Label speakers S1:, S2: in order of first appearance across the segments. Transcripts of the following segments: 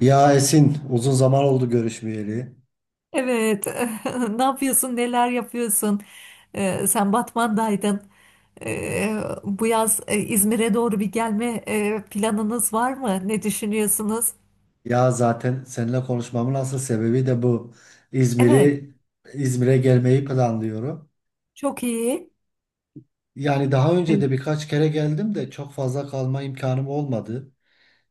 S1: Ya Esin, uzun zaman oldu görüşmeyeli.
S2: Evet. Ne yapıyorsun? Neler yapıyorsun? Sen Batman'daydın. Ee, Bu yaz İzmir'e doğru bir gelme planınız var mı? Ne düşünüyorsunuz?
S1: Ya zaten seninle konuşmamın asıl sebebi de bu.
S2: Evet.
S1: İzmir'i İzmir'e gelmeyi planlıyorum.
S2: Çok iyi.
S1: Yani daha önce
S2: Evet.
S1: de birkaç kere geldim de çok fazla kalma imkanım olmadı.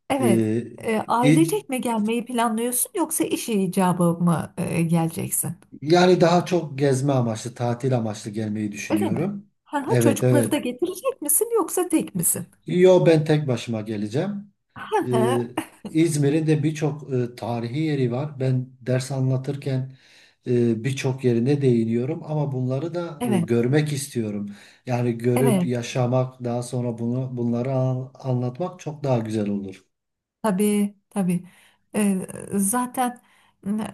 S2: Evet.
S1: Ee, İz-
S2: Ailecek mi gelmeyi planlıyorsun yoksa iş icabı mı geleceksin?
S1: yani daha çok gezme amaçlı, tatil amaçlı gelmeyi
S2: Öyle mi?
S1: düşünüyorum.
S2: Ha,
S1: Evet,
S2: çocukları
S1: evet.
S2: da getirecek misin yoksa tek misin?
S1: Yo ben tek başıma geleceğim.
S2: Hı
S1: Ee,
S2: hı.
S1: İzmir'in de birçok tarihi yeri var. Ben ders anlatırken birçok yerine değiniyorum ama bunları da
S2: Evet.
S1: görmek istiyorum. Yani görüp
S2: Evet.
S1: yaşamak, daha sonra anlatmak çok daha güzel olur.
S2: Tabii tabii. Ee, Zaten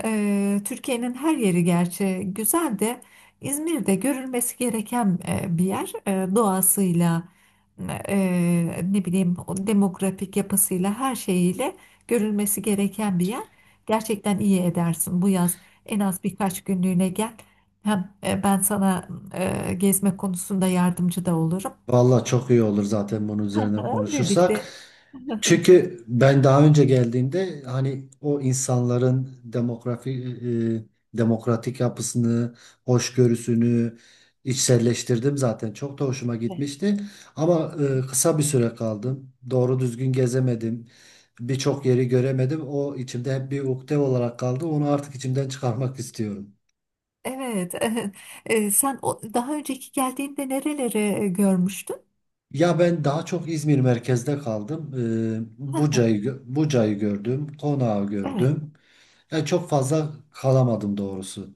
S2: Türkiye'nin her yeri gerçi güzel de İzmir'de görülmesi gereken bir yer, doğasıyla e, ne bileyim o demografik yapısıyla her şeyiyle görülmesi gereken bir yer. Gerçekten iyi edersin, bu yaz en az birkaç günlüğüne gel. Hem ben sana gezme konusunda yardımcı da olurum.
S1: Vallahi çok iyi olur zaten bunun üzerine
S2: Aha,
S1: konuşursak.
S2: birlikte.
S1: Çünkü ben daha önce geldiğimde hani o insanların demokratik yapısını, hoşgörüsünü içselleştirdim zaten. Çok da hoşuma
S2: Evet.
S1: gitmişti. Ama kısa bir süre kaldım. Doğru düzgün gezemedim. Birçok yeri göremedim. O içimde hep bir ukde olarak kaldı. Onu artık içimden çıkarmak istiyorum.
S2: Evet. Sen o daha önceki geldiğinde nereleri görmüştün?
S1: Ya ben daha çok İzmir merkezde kaldım.
S2: Heh,
S1: Buca'yı gördüm, Konağı
S2: evet.
S1: gördüm. Çok fazla kalamadım doğrusu.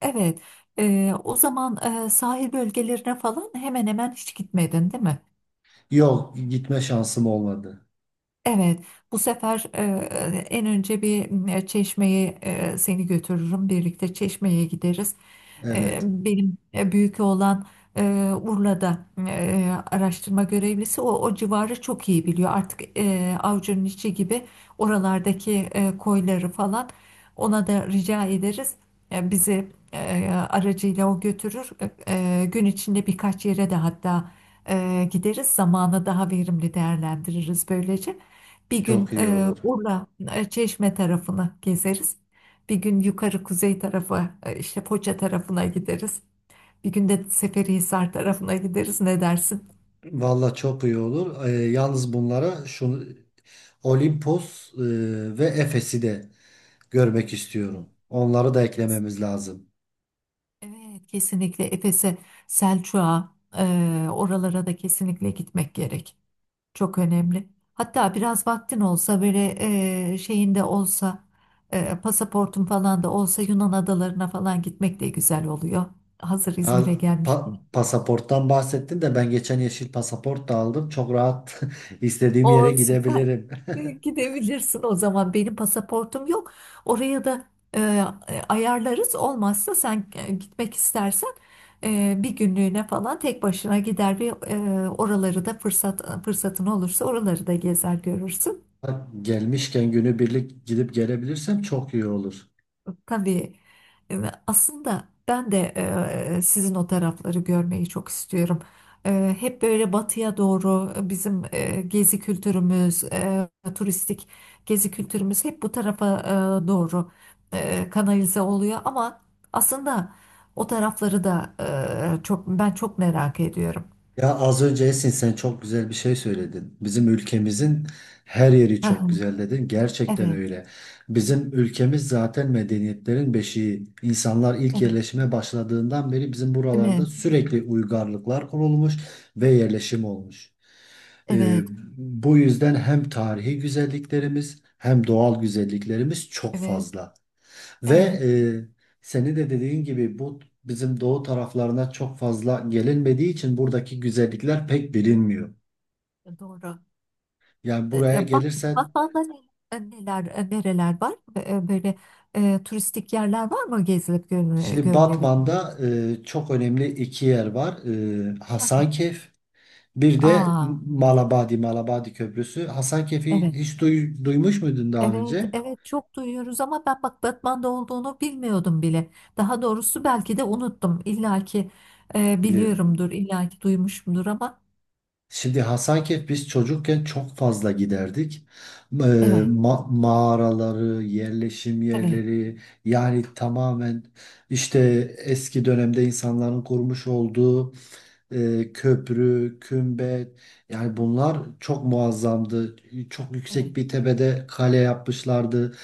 S2: Evet. O zaman sahil bölgelerine falan hemen hemen hiç gitmedin, değil mi?
S1: Yok, gitme şansım olmadı.
S2: Evet, bu sefer en önce bir çeşmeye seni götürürüm. Birlikte çeşmeye gideriz.
S1: Evet,
S2: Benim büyük oğlan e, Urla'da araştırma görevlisi. O civarı çok iyi biliyor. Artık avucunun içi gibi oralardaki koyları falan ona da rica ederiz. Bizi aracıyla o götürür. Gün içinde birkaç yere de hatta gideriz. Zamanı daha verimli değerlendiririz böylece. Bir gün
S1: çok iyi olur.
S2: Urla, Çeşme tarafını gezeriz. Bir gün yukarı kuzey tarafı, işte Foça tarafına gideriz. Bir gün de Seferihisar tarafına gideriz. Ne dersin?
S1: Valla çok iyi olur. Yalnız bunlara şunu Olimpos ve Efes'i de görmek istiyorum.
S2: Evet,
S1: Onları da
S2: kesin.
S1: eklememiz lazım.
S2: Evet, kesinlikle Efes'e, Selçuk'a, oralara da kesinlikle gitmek gerek. Çok önemli. Hatta biraz vaktin olsa böyle şeyin de olsa, pasaportun falan da olsa Yunan adalarına falan gitmek de güzel oluyor. Hazır İzmir'e
S1: Ha,
S2: gelmiş.
S1: Pasaporttan bahsettin de ben geçen yeşil pasaport da aldım. Çok rahat istediğim yere
S2: O süper.
S1: gidebilirim.
S2: Gidebilirsin o zaman. Benim pasaportum yok. Oraya da e, ayarlarız. Olmazsa sen gitmek istersen bir günlüğüne falan tek başına gider, bir oraları da fırsatın olursa oraları da gezer görürsün.
S1: Ha, gelmişken günübirlik gidip gelebilirsem çok iyi olur.
S2: Tabii, e, aslında ben de sizin o tarafları görmeyi çok istiyorum. Hep böyle batıya doğru bizim gezi kültürümüz, turistik gezi kültürümüz hep bu tarafa doğru kanalize oluyor. Ama aslında o tarafları da çok, ben çok merak ediyorum.
S1: Ya az önce Esin sen çok güzel bir şey söyledin. Bizim ülkemizin her yeri
S2: Hı
S1: çok
S2: hı,
S1: güzel dedin. Gerçekten
S2: evet,
S1: öyle. Bizim ülkemiz zaten medeniyetlerin beşiği. İnsanlar ilk
S2: evet,
S1: yerleşime başladığından beri bizim
S2: değil
S1: buralarda
S2: mi?
S1: sürekli uygarlıklar kurulmuş ve yerleşim olmuş. Ee,
S2: Evet,
S1: Bu yüzden hem tarihi güzelliklerimiz hem doğal güzelliklerimiz çok
S2: evet,
S1: fazla. Ve
S2: evet.
S1: seni de dediğin gibi bizim doğu taraflarına çok fazla gelinmediği için buradaki güzellikler pek bilinmiyor.
S2: Doğru.
S1: Yani buraya
S2: Bak,
S1: gelirsen
S2: Batman'da neler, nereler var? Böyle turistik yerler var mı gezilip
S1: şimdi
S2: görülebilecek?
S1: Batman'da çok önemli iki yer var. E,
S2: Hı hı.
S1: Hasankeyf bir de
S2: Aa,
S1: Malabadi, Malabadi Köprüsü. Hasankeyf'i
S2: evet,
S1: hiç duymuş muydun daha
S2: evet,
S1: önce?
S2: evet çok duyuyoruz ama ben bak Batman'da olduğunu bilmiyordum bile. Daha doğrusu belki de unuttum. İlla ki
S1: Bilir.
S2: biliyorumdur, illa ki duymuşumdur ama
S1: Şimdi Hasankeyf biz çocukken çok fazla giderdik.
S2: evet,
S1: Mağaraları, yerleşim
S2: evet,
S1: yerleri, yani tamamen işte eski dönemde insanların kurmuş olduğu köprü, kümbet, yani bunlar çok muazzamdı. Çok yüksek
S2: evet,
S1: bir tepede kale yapmışlardı.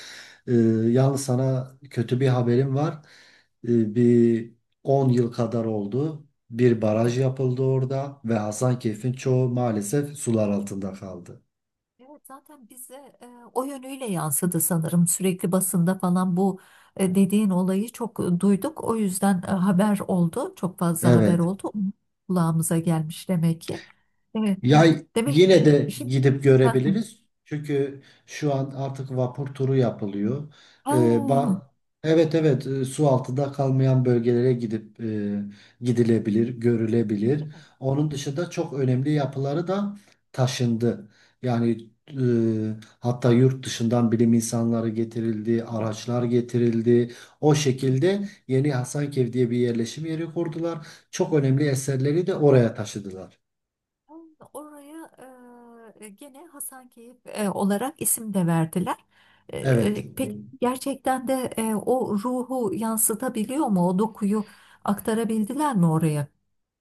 S1: E, yalnız sana kötü bir haberim var. Bir 10 yıl kadar oldu. Bir
S2: evet.
S1: baraj yapıldı orada ve Hasankeyf'in çoğu maalesef sular altında kaldı.
S2: Evet, zaten bize e, o yönüyle yansıdı sanırım. Sürekli basında falan bu dediğin olayı çok duyduk. O yüzden haber oldu. Çok fazla haber
S1: Evet.
S2: oldu. Kulağımıza gelmiş demek ki. Evet.
S1: Ya
S2: Demek
S1: yine de
S2: şimdi,
S1: gidip
S2: ha,
S1: görebiliriz. Çünkü şu an artık vapur turu yapılıyor. Ee, ba-
S2: ha.
S1: evet, evet, su altında kalmayan bölgelere gidip gidilebilir, görülebilir.
S2: Evet,
S1: Onun dışında çok önemli yapıları da taşındı. Yani hatta yurt dışından bilim insanları getirildi,
S2: evet.
S1: araçlar getirildi. O şekilde Yeni Hasankeyf diye bir yerleşim yeri kurdular. Çok önemli eserleri de oraya taşıdılar.
S2: Ha, oraya gene Hasankeyf olarak isim de verdiler.
S1: Evet.
S2: Peki, gerçekten de o ruhu yansıtabiliyor mu? O dokuyu aktarabildiler mi oraya?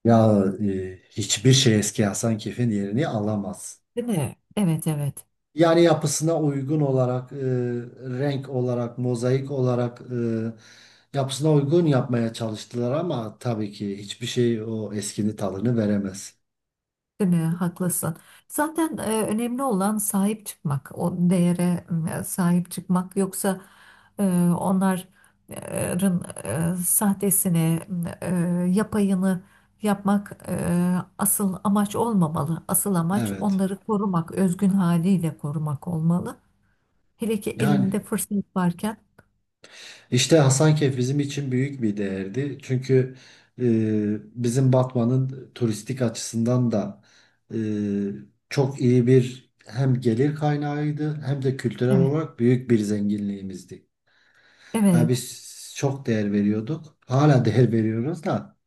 S1: Hiçbir şey eski Hasan Kef'in yerini alamaz.
S2: Değil mi? Evet, evet.
S1: Yani yapısına uygun olarak, renk olarak, mozaik olarak, yapısına uygun yapmaya çalıştılar ama tabii ki hiçbir şey o eskinin tadını veremez.
S2: Değil mi? Haklısın. Zaten önemli olan sahip çıkmak, o değere sahip çıkmak. Yoksa e, onların sahtesini, e, yapayını yapmak asıl amaç olmamalı. Asıl amaç
S1: Evet.
S2: onları korumak, özgün haliyle korumak olmalı. Hele ki
S1: Yani,
S2: elinde fırsat varken.
S1: İşte Hasankeyf bizim için büyük bir değerdi. Çünkü bizim Batman'ın turistik açısından da e, çok iyi bir hem gelir kaynağıydı hem de kültürel
S2: Evet,
S1: olarak büyük bir zenginliğimizdi. Yani
S2: evet.
S1: biz çok değer veriyorduk. Hala değer veriyoruz da.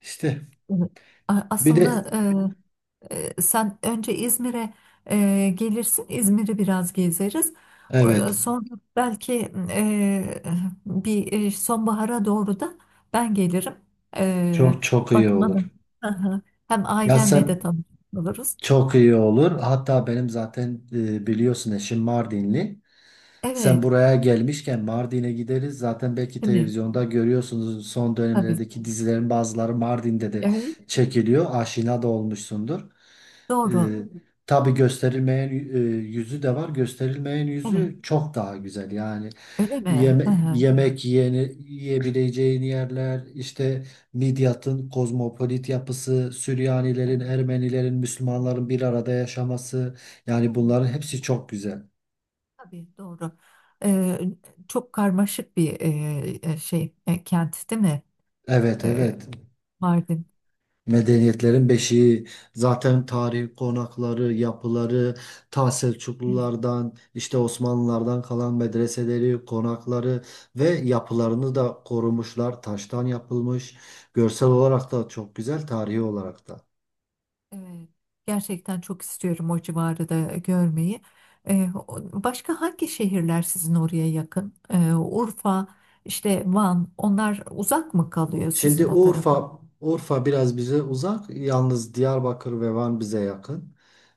S1: İşte bir de
S2: Aslında e, sen önce İzmir'e gelirsin, İzmir'i biraz gezeriz.
S1: evet,
S2: Sonra belki e, bir sonbahara doğru da ben gelirim. E,
S1: çok çok iyi
S2: Bakmana.
S1: olur.
S2: Hı hı. Hem
S1: Ya
S2: ailenle de
S1: sen,
S2: tanışmış oluruz.
S1: çok iyi olur. Hatta benim zaten biliyorsun eşim Mardinli. Sen
S2: Evet,
S1: buraya gelmişken Mardin'e gideriz. Zaten belki
S2: değil mi?
S1: televizyonda görüyorsunuz son
S2: Tabii.
S1: dönemlerdeki dizilerin bazıları Mardin'de de
S2: Evet,
S1: çekiliyor. Aşina da olmuşsundur. Ee,
S2: doğru.
S1: tabii gösterilmeyen yüzü de var. Gösterilmeyen
S2: Evet,
S1: yüzü çok daha güzel. Yani
S2: öyle mi? Hı hı.
S1: yemek yiyeni, yiyebileceğin yerler, işte Midyat'ın kozmopolit yapısı,
S2: Evet.
S1: Süryanilerin, Ermenilerin, Müslümanların bir arada yaşaması.
S2: Hı
S1: Yani
S2: hı.
S1: bunların hepsi çok güzel.
S2: Tabii, doğru. Ee, Çok karmaşık bir şey, kent, değil mi?
S1: Evet,
S2: Ee,
S1: evet.
S2: Mardin.
S1: Medeniyetlerin beşiği, zaten tarihi konakları, yapıları, ta
S2: Evet.
S1: Selçuklulardan, işte Osmanlılardan kalan medreseleri, konakları ve yapılarını da korumuşlar. Taştan yapılmış. Görsel olarak da çok güzel, tarihi olarak da.
S2: Evet. Gerçekten çok istiyorum o civarı da görmeyi. Başka hangi şehirler sizin oraya yakın? Urfa, işte Van, onlar uzak mı kalıyor
S1: Şimdi
S2: sizin o tarafa?
S1: Urfa biraz bize uzak. Yalnız Diyarbakır ve Van bize yakın.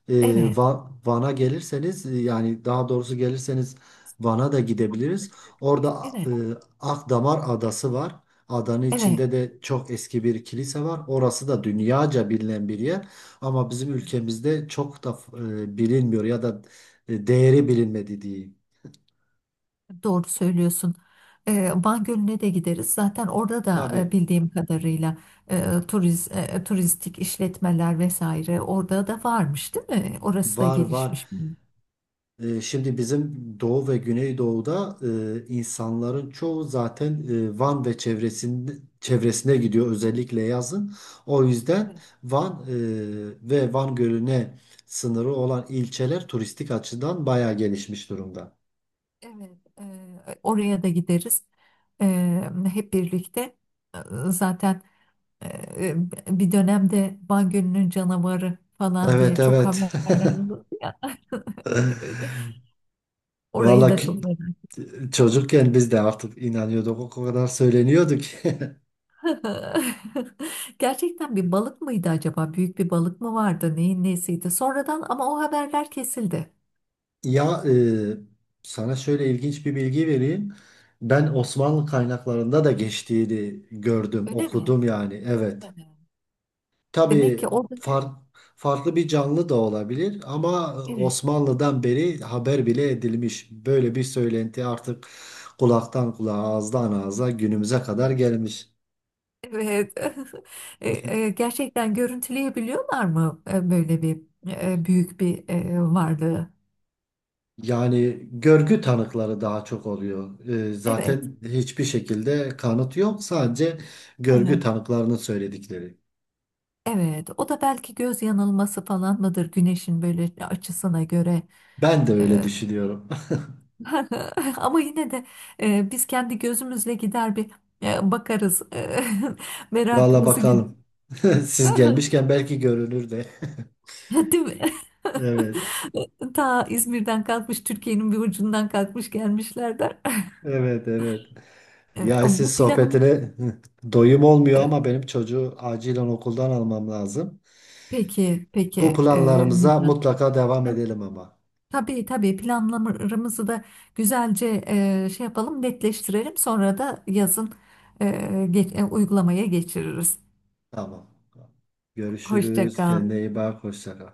S1: Ee,
S2: Evet,
S1: Van'a gelirseniz, yani daha doğrusu gelirseniz Van'a da gidebiliriz. Orada e,
S2: evet,
S1: Akdamar Adası var. Adanın içinde de çok eski bir kilise var. Orası da dünyaca bilinen bir yer. Ama bizim
S2: evet.
S1: ülkemizde çok da bilinmiyor ya da değeri bilinmedi diyeyim.
S2: Doğru söylüyorsun. Van Gölü'ne de gideriz. Zaten orada da
S1: Tabii,
S2: bildiğim kadarıyla turistik işletmeler vesaire orada da varmış, değil mi? Orası da
S1: var var.
S2: gelişmiş.
S1: E, şimdi bizim Doğu ve Güneydoğu'da insanların çoğu zaten Van ve çevresinde, çevresine gidiyor özellikle yazın. O yüzden
S2: Evet,
S1: Van ve Van Gölü'ne sınırı olan ilçeler turistik açıdan bayağı gelişmiş durumda.
S2: evet. Oraya da gideriz. E, Hep birlikte. E, Zaten e, bir dönemde Van Gölü'nün canavarı falan diye
S1: Evet,
S2: çok
S1: evet.
S2: haberler oldu ya. Evet. Orayı
S1: Vallahi
S2: da
S1: ki-
S2: çok merak.
S1: Çocukken biz de artık inanıyorduk, o kadar söyleniyordu ki.
S2: Gerçekten bir balık mıydı acaba? Büyük bir balık mı vardı? Neyin nesiydi? Sonradan ama o haberler kesildi.
S1: Ya e, Sana şöyle ilginç bir bilgi vereyim. Ben Osmanlı kaynaklarında da geçtiğini gördüm,
S2: Öyle mi?
S1: okudum yani. Evet.
S2: Hani, demek ki
S1: Tabii
S2: orada,
S1: far- farklı bir canlı da olabilir ama
S2: evet,
S1: Osmanlı'dan beri haber bile edilmiş. Böyle bir söylenti artık kulaktan kulağa, ağızdan ağza günümüze kadar gelmiş.
S2: evet. E, Gerçekten görüntüleyebiliyorlar mı böyle bir büyük bir varlığı?
S1: Yani görgü tanıkları daha çok oluyor. E,
S2: Evet.
S1: zaten hiçbir şekilde kanıt yok, sadece
S2: Hı
S1: görgü
S2: hı.
S1: tanıklarının söyledikleri.
S2: Evet, o da belki göz yanılması falan mıdır güneşin böyle açısına göre.
S1: Ben de öyle
S2: E,
S1: düşünüyorum.
S2: Ama yine de biz kendi gözümüzle gider bir bakarız.
S1: Valla
S2: Merakımızı gider.
S1: bakalım. Siz gelmişken belki görünür de.
S2: Değil mi?
S1: Evet.
S2: Ta İzmir'den kalkmış, Türkiye'nin bir ucundan kalkmış gelmişlerdir.
S1: Evet, evet. Ya
S2: Bu
S1: siz,
S2: planımız,
S1: sohbetine doyum olmuyor
S2: e,
S1: ama benim çocuğu acilen okuldan almam lazım.
S2: peki, peki,
S1: Bu
S2: e,
S1: planlarımıza
S2: Mithat.
S1: mutlaka devam edelim ama.
S2: Tabii, tabii planlarımızı da güzelce şey yapalım, netleştirelim. Sonra da yazın uygulamaya geçiririz.
S1: Tamam. Tamam.
S2: Hoşça
S1: Görüşürüz.
S2: kal.
S1: Kendine iyi bak. Hoşça kal.